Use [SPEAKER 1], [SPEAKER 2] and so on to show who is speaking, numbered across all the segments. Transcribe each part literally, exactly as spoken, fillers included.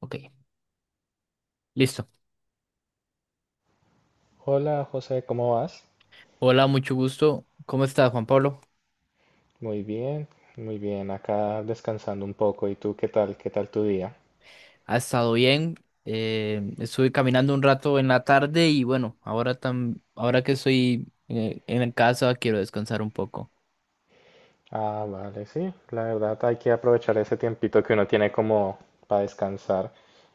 [SPEAKER 1] Ok, listo.
[SPEAKER 2] Hola José, ¿cómo vas?
[SPEAKER 1] Hola, mucho gusto. ¿Cómo estás, Juan Pablo?
[SPEAKER 2] Muy bien, muy bien, acá descansando un poco. ¿Y tú qué tal? ¿Qué tal tu día?
[SPEAKER 1] ¿Ha estado bien? Eh, estuve caminando un rato en la tarde y bueno, ahora, tam- ahora que estoy eh, en casa quiero descansar un poco.
[SPEAKER 2] Ah, vale, sí, la verdad hay que aprovechar ese tiempito que uno tiene como para descansar.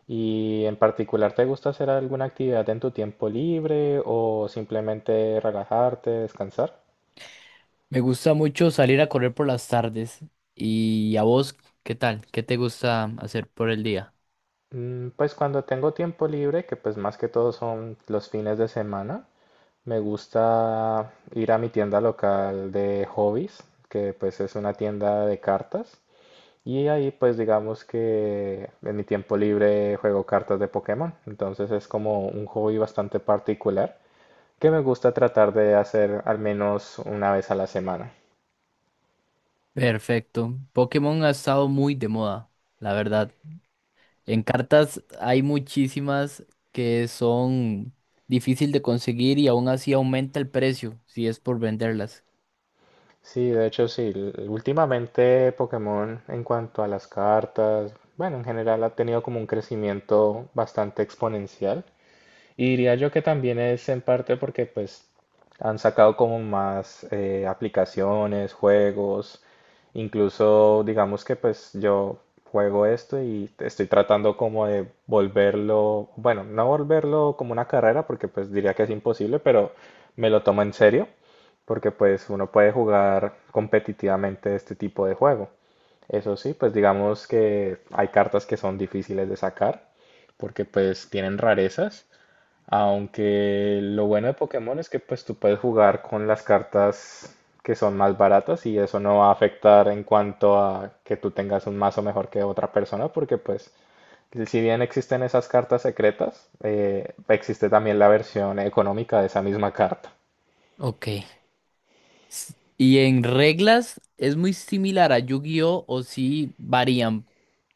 [SPEAKER 2] ¿Y en particular te gusta hacer alguna actividad en tu tiempo libre o simplemente relajarte, descansar?
[SPEAKER 1] Me gusta mucho salir a correr por las tardes. ¿Y a vos qué tal? ¿Qué te gusta hacer por el día?
[SPEAKER 2] Mm, pues cuando tengo tiempo libre, que pues más que todo son los fines de semana, me gusta ir a mi tienda local de hobbies, que pues es una tienda de cartas. Y ahí pues digamos que en mi tiempo libre juego cartas de Pokémon. Entonces es como un hobby bastante particular que me gusta tratar de hacer al menos una vez a la semana.
[SPEAKER 1] Perfecto. Pokémon ha estado muy de moda, la verdad. En cartas hay muchísimas que son difícil de conseguir y aún así aumenta el precio si es por venderlas.
[SPEAKER 2] Sí, de hecho sí. l- Últimamente Pokémon en cuanto a las cartas, bueno, en general ha tenido como un crecimiento bastante exponencial. Y diría yo que también es en parte porque pues han sacado como más eh, aplicaciones, juegos, incluso digamos que pues yo juego esto y estoy tratando como de volverlo, bueno, no volverlo como una carrera porque pues diría que es imposible, pero me lo tomo en serio porque pues uno puede jugar competitivamente este tipo de juego. Eso sí, pues digamos que hay cartas que son difíciles de sacar porque pues tienen rarezas, aunque lo bueno de Pokémon es que pues tú puedes jugar con las cartas que son más baratas y eso no va a afectar en cuanto a que tú tengas un mazo mejor que otra persona porque pues si bien existen esas cartas secretas, eh, existe también la versión económica de esa misma carta.
[SPEAKER 1] Ok. S- ¿Y en reglas es muy similar a Yu-Gi-Oh o sí varían?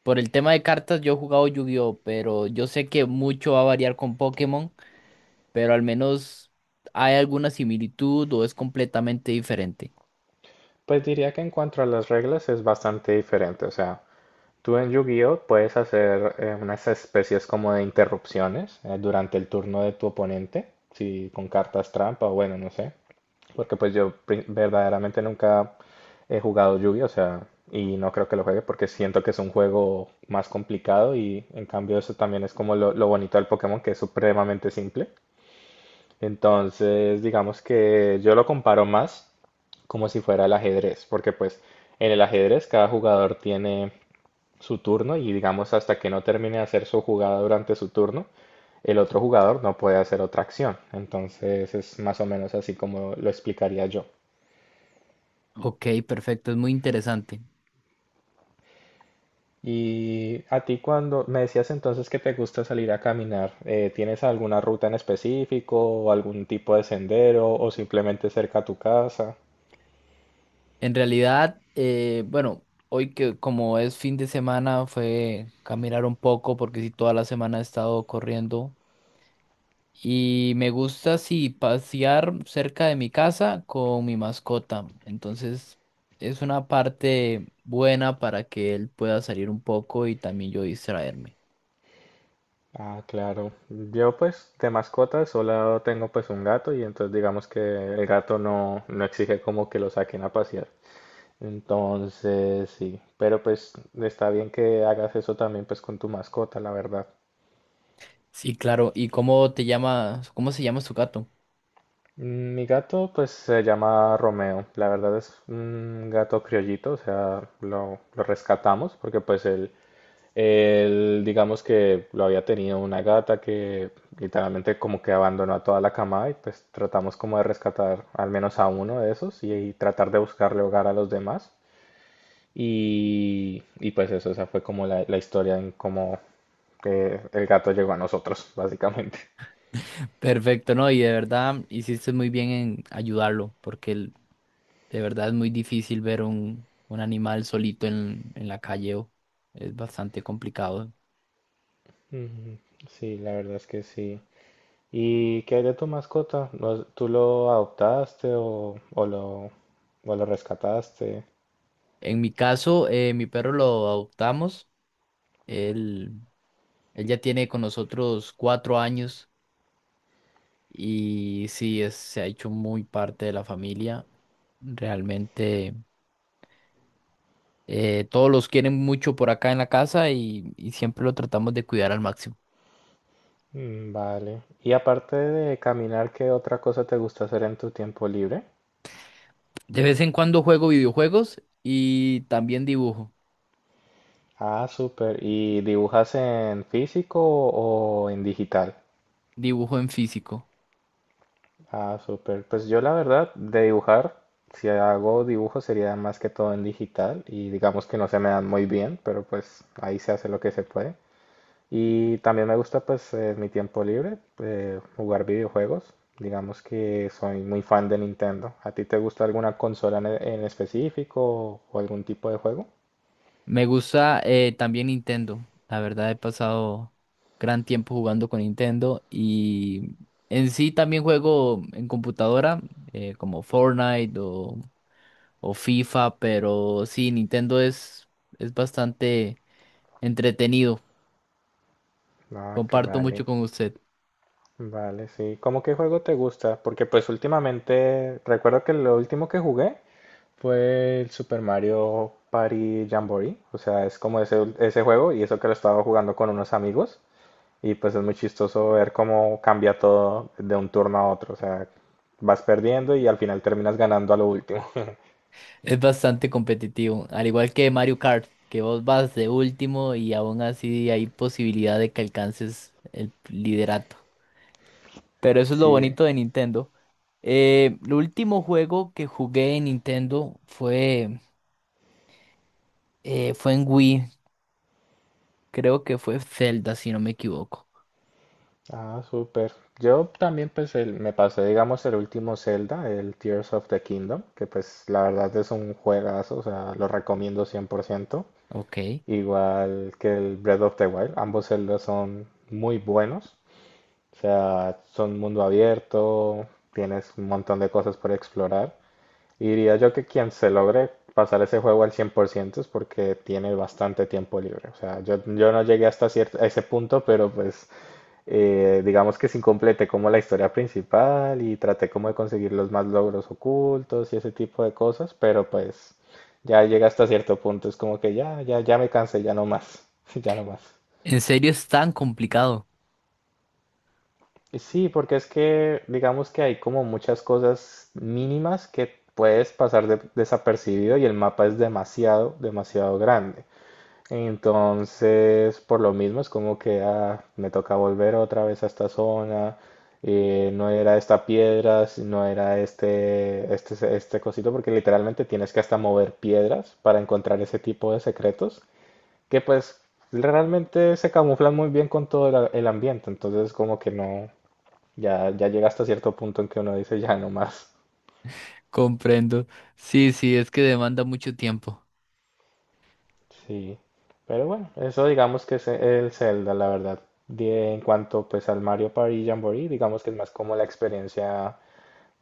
[SPEAKER 1] Por el tema de cartas yo he jugado Yu-Gi-Oh, pero yo sé que mucho va a variar con Pokémon, pero al menos, ¿hay alguna similitud o es completamente diferente?
[SPEAKER 2] Pues diría que en cuanto a las reglas es bastante diferente, o sea, tú en Yu-Gi-Oh! Puedes hacer eh, unas especies como de interrupciones eh, durante el turno de tu oponente, si con cartas trampa o bueno, no sé. Porque pues yo pri- verdaderamente nunca he jugado Yu-Gi-Oh! O sea, y no creo que lo juegue porque siento que es un juego más complicado y en cambio eso también es como lo, lo bonito del Pokémon, que es supremamente simple. Entonces, digamos que yo lo comparo más como si fuera el ajedrez, porque pues en el ajedrez cada jugador tiene su turno y digamos hasta que no termine de hacer su jugada durante su turno, el otro jugador no puede hacer otra acción. Entonces es más o menos así como lo explicaría yo.
[SPEAKER 1] Ok, perfecto, es muy interesante.
[SPEAKER 2] Y a ti cuando me decías entonces que te gusta salir a caminar, eh, ¿tienes alguna ruta en específico o algún tipo de sendero o simplemente cerca a tu casa?
[SPEAKER 1] En realidad, eh, bueno, hoy que como es fin de semana fue caminar un poco porque sí, toda la semana he estado corriendo y me gusta sí pasear cerca de mi casa con mi mascota. Entonces es una parte buena para que él pueda salir un poco y también yo distraerme.
[SPEAKER 2] Ah, claro. Yo pues de mascota solo tengo pues un gato y entonces digamos que el gato no, no exige como que lo saquen a pasear. Entonces, sí, pero pues está bien que hagas eso también pues con tu mascota, la verdad.
[SPEAKER 1] Sí, claro. ¿Y cómo te llamas? ¿Cómo se llama su gato?
[SPEAKER 2] Mm, mi gato pues se llama Romeo, la verdad es un gato criollito, o sea, lo, lo rescatamos porque pues él, él, digamos que lo había tenido una gata que literalmente como que abandonó a toda la camada y pues tratamos como de rescatar al menos a uno de esos y y tratar de buscarle hogar a los demás. Y, y pues eso, esa fue como la, la historia en cómo eh, el gato llegó a nosotros, básicamente.
[SPEAKER 1] Perfecto, no, y de verdad hiciste muy bien en ayudarlo porque él, de verdad, es muy difícil ver un, un animal solito en, en la calle. o- Es bastante complicado.
[SPEAKER 2] Ujú, sí, la verdad es que sí. ¿Y qué hay de tu mascota? ¿Lo- ¿Tú lo adoptaste o, o lo, o lo rescataste?
[SPEAKER 1] En mi caso, eh, mi perro lo adoptamos. Él, Él ya tiene con nosotros cuatro años y sí, es, se ha hecho muy parte de la familia. Realmente eh, todos los quieren mucho por acá en la casa y, y siempre lo tratamos de cuidar al máximo.
[SPEAKER 2] Mm, vale. Y aparte de caminar, ¿qué otra cosa te gusta hacer en tu tiempo libre?
[SPEAKER 1] De vez en cuando juego videojuegos y también dibujo,
[SPEAKER 2] Ah, súper. ¿Y dibujas en físico o en digital?
[SPEAKER 1] dibujo en físico.
[SPEAKER 2] Ah, súper. Pues yo la verdad, de dibujar, si hago dibujo sería más que todo en digital y digamos que no se me dan muy bien, pero pues ahí se hace lo que se puede. Y también me gusta pues en mi tiempo libre eh, jugar videojuegos. Digamos que soy muy fan de Nintendo. ¿A ti te gusta alguna consola en, en específico o algún tipo de juego?
[SPEAKER 1] Me gusta eh, también Nintendo. La verdad he pasado gran tiempo jugando con Nintendo y en sí también juego en computadora eh, como Fortnite o, o FIFA, pero sí, Nintendo es, es bastante entretenido.
[SPEAKER 2] Ah, que
[SPEAKER 1] Comparto
[SPEAKER 2] vale.
[SPEAKER 1] mucho con usted.
[SPEAKER 2] Vale, sí. ¿Cómo qué juego te gusta? Porque pues últimamente recuerdo que lo último que jugué fue el Super Mario Party Jamboree. O sea, es como ese, ese juego y eso que lo estaba jugando con unos amigos. Y pues es muy chistoso ver cómo cambia todo de un turno a otro. O sea, vas perdiendo y al final terminas ganando a lo último.
[SPEAKER 1] Es bastante competitivo, al igual que Mario Kart, que vos vas de último y aún así hay posibilidad de que alcances el liderato. Pero eso es lo
[SPEAKER 2] Sí.
[SPEAKER 1] bonito de Nintendo. Eh, el último juego que jugué en Nintendo fue, eh, fue en Wii. Creo que fue Zelda, si no me equivoco.
[SPEAKER 2] Ah, súper. Yo también pues el- me pasé, digamos, el último Zelda, el Tears of the Kingdom, que pues la verdad es un juegazo, o sea, lo recomiendo cien por ciento,
[SPEAKER 1] Ok.
[SPEAKER 2] igual que el Breath of the Wild, ambos Zeldas son muy buenos, o sea, son mundo abierto, tienes un montón de cosas por explorar, y diría yo que quien se logre pasar ese juego al cien por ciento es porque tiene bastante tiempo libre, o sea, yo, yo no llegué hasta cier- a ese punto, pero pues eh, digamos que sin completé como la historia principal y traté como de conseguir los más logros ocultos y ese tipo de cosas, pero pues ya llega hasta cierto punto, es como que ya, ya, ya me cansé, ya no más, ya no más.
[SPEAKER 1] ¿En serio es tan complicado?
[SPEAKER 2] Y sí, porque es que digamos que hay como muchas cosas mínimas que puedes pasar de- desapercibido y el mapa es demasiado, demasiado grande. Entonces, por lo mismo, es como que ah, me toca volver otra vez a esta zona. Eh, no era esta piedra, si no era este, este, este cosito, porque literalmente tienes que hasta mover piedras para encontrar ese tipo de secretos, que pues realmente se camuflan muy bien con todo el, el ambiente. Entonces, como que no, ya, ya llega hasta cierto punto en que uno dice ya no más.
[SPEAKER 1] Comprendo. Sí, sí, es que demanda mucho tiempo.
[SPEAKER 2] Sí, pero bueno, eso digamos que es el Zelda, la verdad. De- en cuanto pues al Mario Party Jamboree, digamos que es más como la experiencia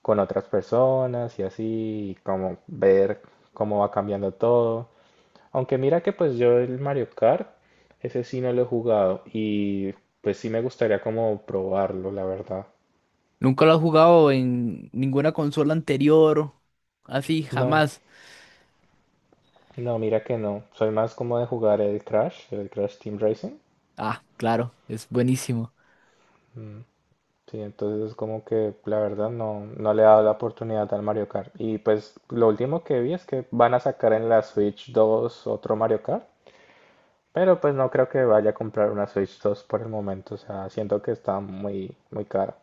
[SPEAKER 2] con otras personas y así, y como ver cómo va cambiando todo. Aunque mira que pues yo el Mario Kart, ese sí no lo he jugado y pues sí me gustaría como probarlo, la verdad.
[SPEAKER 1] ¿Nunca lo has jugado en ninguna consola anterior? Así,
[SPEAKER 2] No,
[SPEAKER 1] jamás.
[SPEAKER 2] no, mira que no. Soy más como de jugar el Crash, el Crash Team Racing.
[SPEAKER 1] Ah, claro, es buenísimo.
[SPEAKER 2] Sí, entonces es como que la verdad no, no le ha dado la oportunidad al Mario Kart. Y pues lo último que vi es que van a sacar en la Switch dos otro Mario Kart, pero pues no creo que vaya a comprar una Switch dos por el momento, o sea, siento que está muy, muy cara.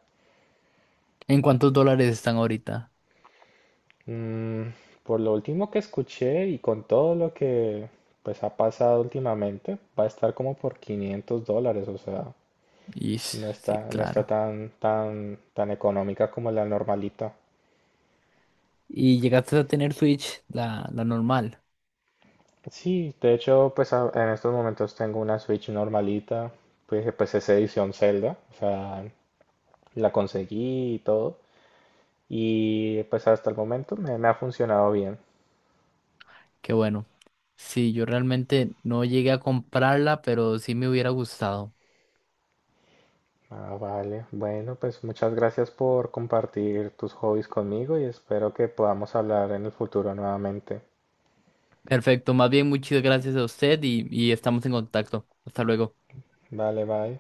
[SPEAKER 1] ¿En cuántos dólares están ahorita?
[SPEAKER 2] Mm, por lo último que escuché y con todo lo que pues ha pasado últimamente, va a estar como por quinientos dólares, o sea,
[SPEAKER 1] Ish,
[SPEAKER 2] no
[SPEAKER 1] sí,
[SPEAKER 2] está, no está
[SPEAKER 1] claro.
[SPEAKER 2] tan, tan, tan económica como la normalita.
[SPEAKER 1] ¿Y llegaste a tener Switch, la, la normal?
[SPEAKER 2] Sí, de hecho, pues a- en estos momentos tengo una Switch normalita, pues, eh, pues es edición Zelda, o sea, la conseguí y todo, y pues hasta el momento me, me ha funcionado bien.
[SPEAKER 1] Qué bueno. Sí, yo realmente no llegué a comprarla, pero sí me hubiera gustado.
[SPEAKER 2] Ah, vale, bueno, pues muchas gracias por compartir tus hobbies conmigo y espero que podamos hablar en el futuro nuevamente.
[SPEAKER 1] Perfecto, más bien muchas gracias a usted y, y estamos en contacto. Hasta luego.
[SPEAKER 2] Vale, bye.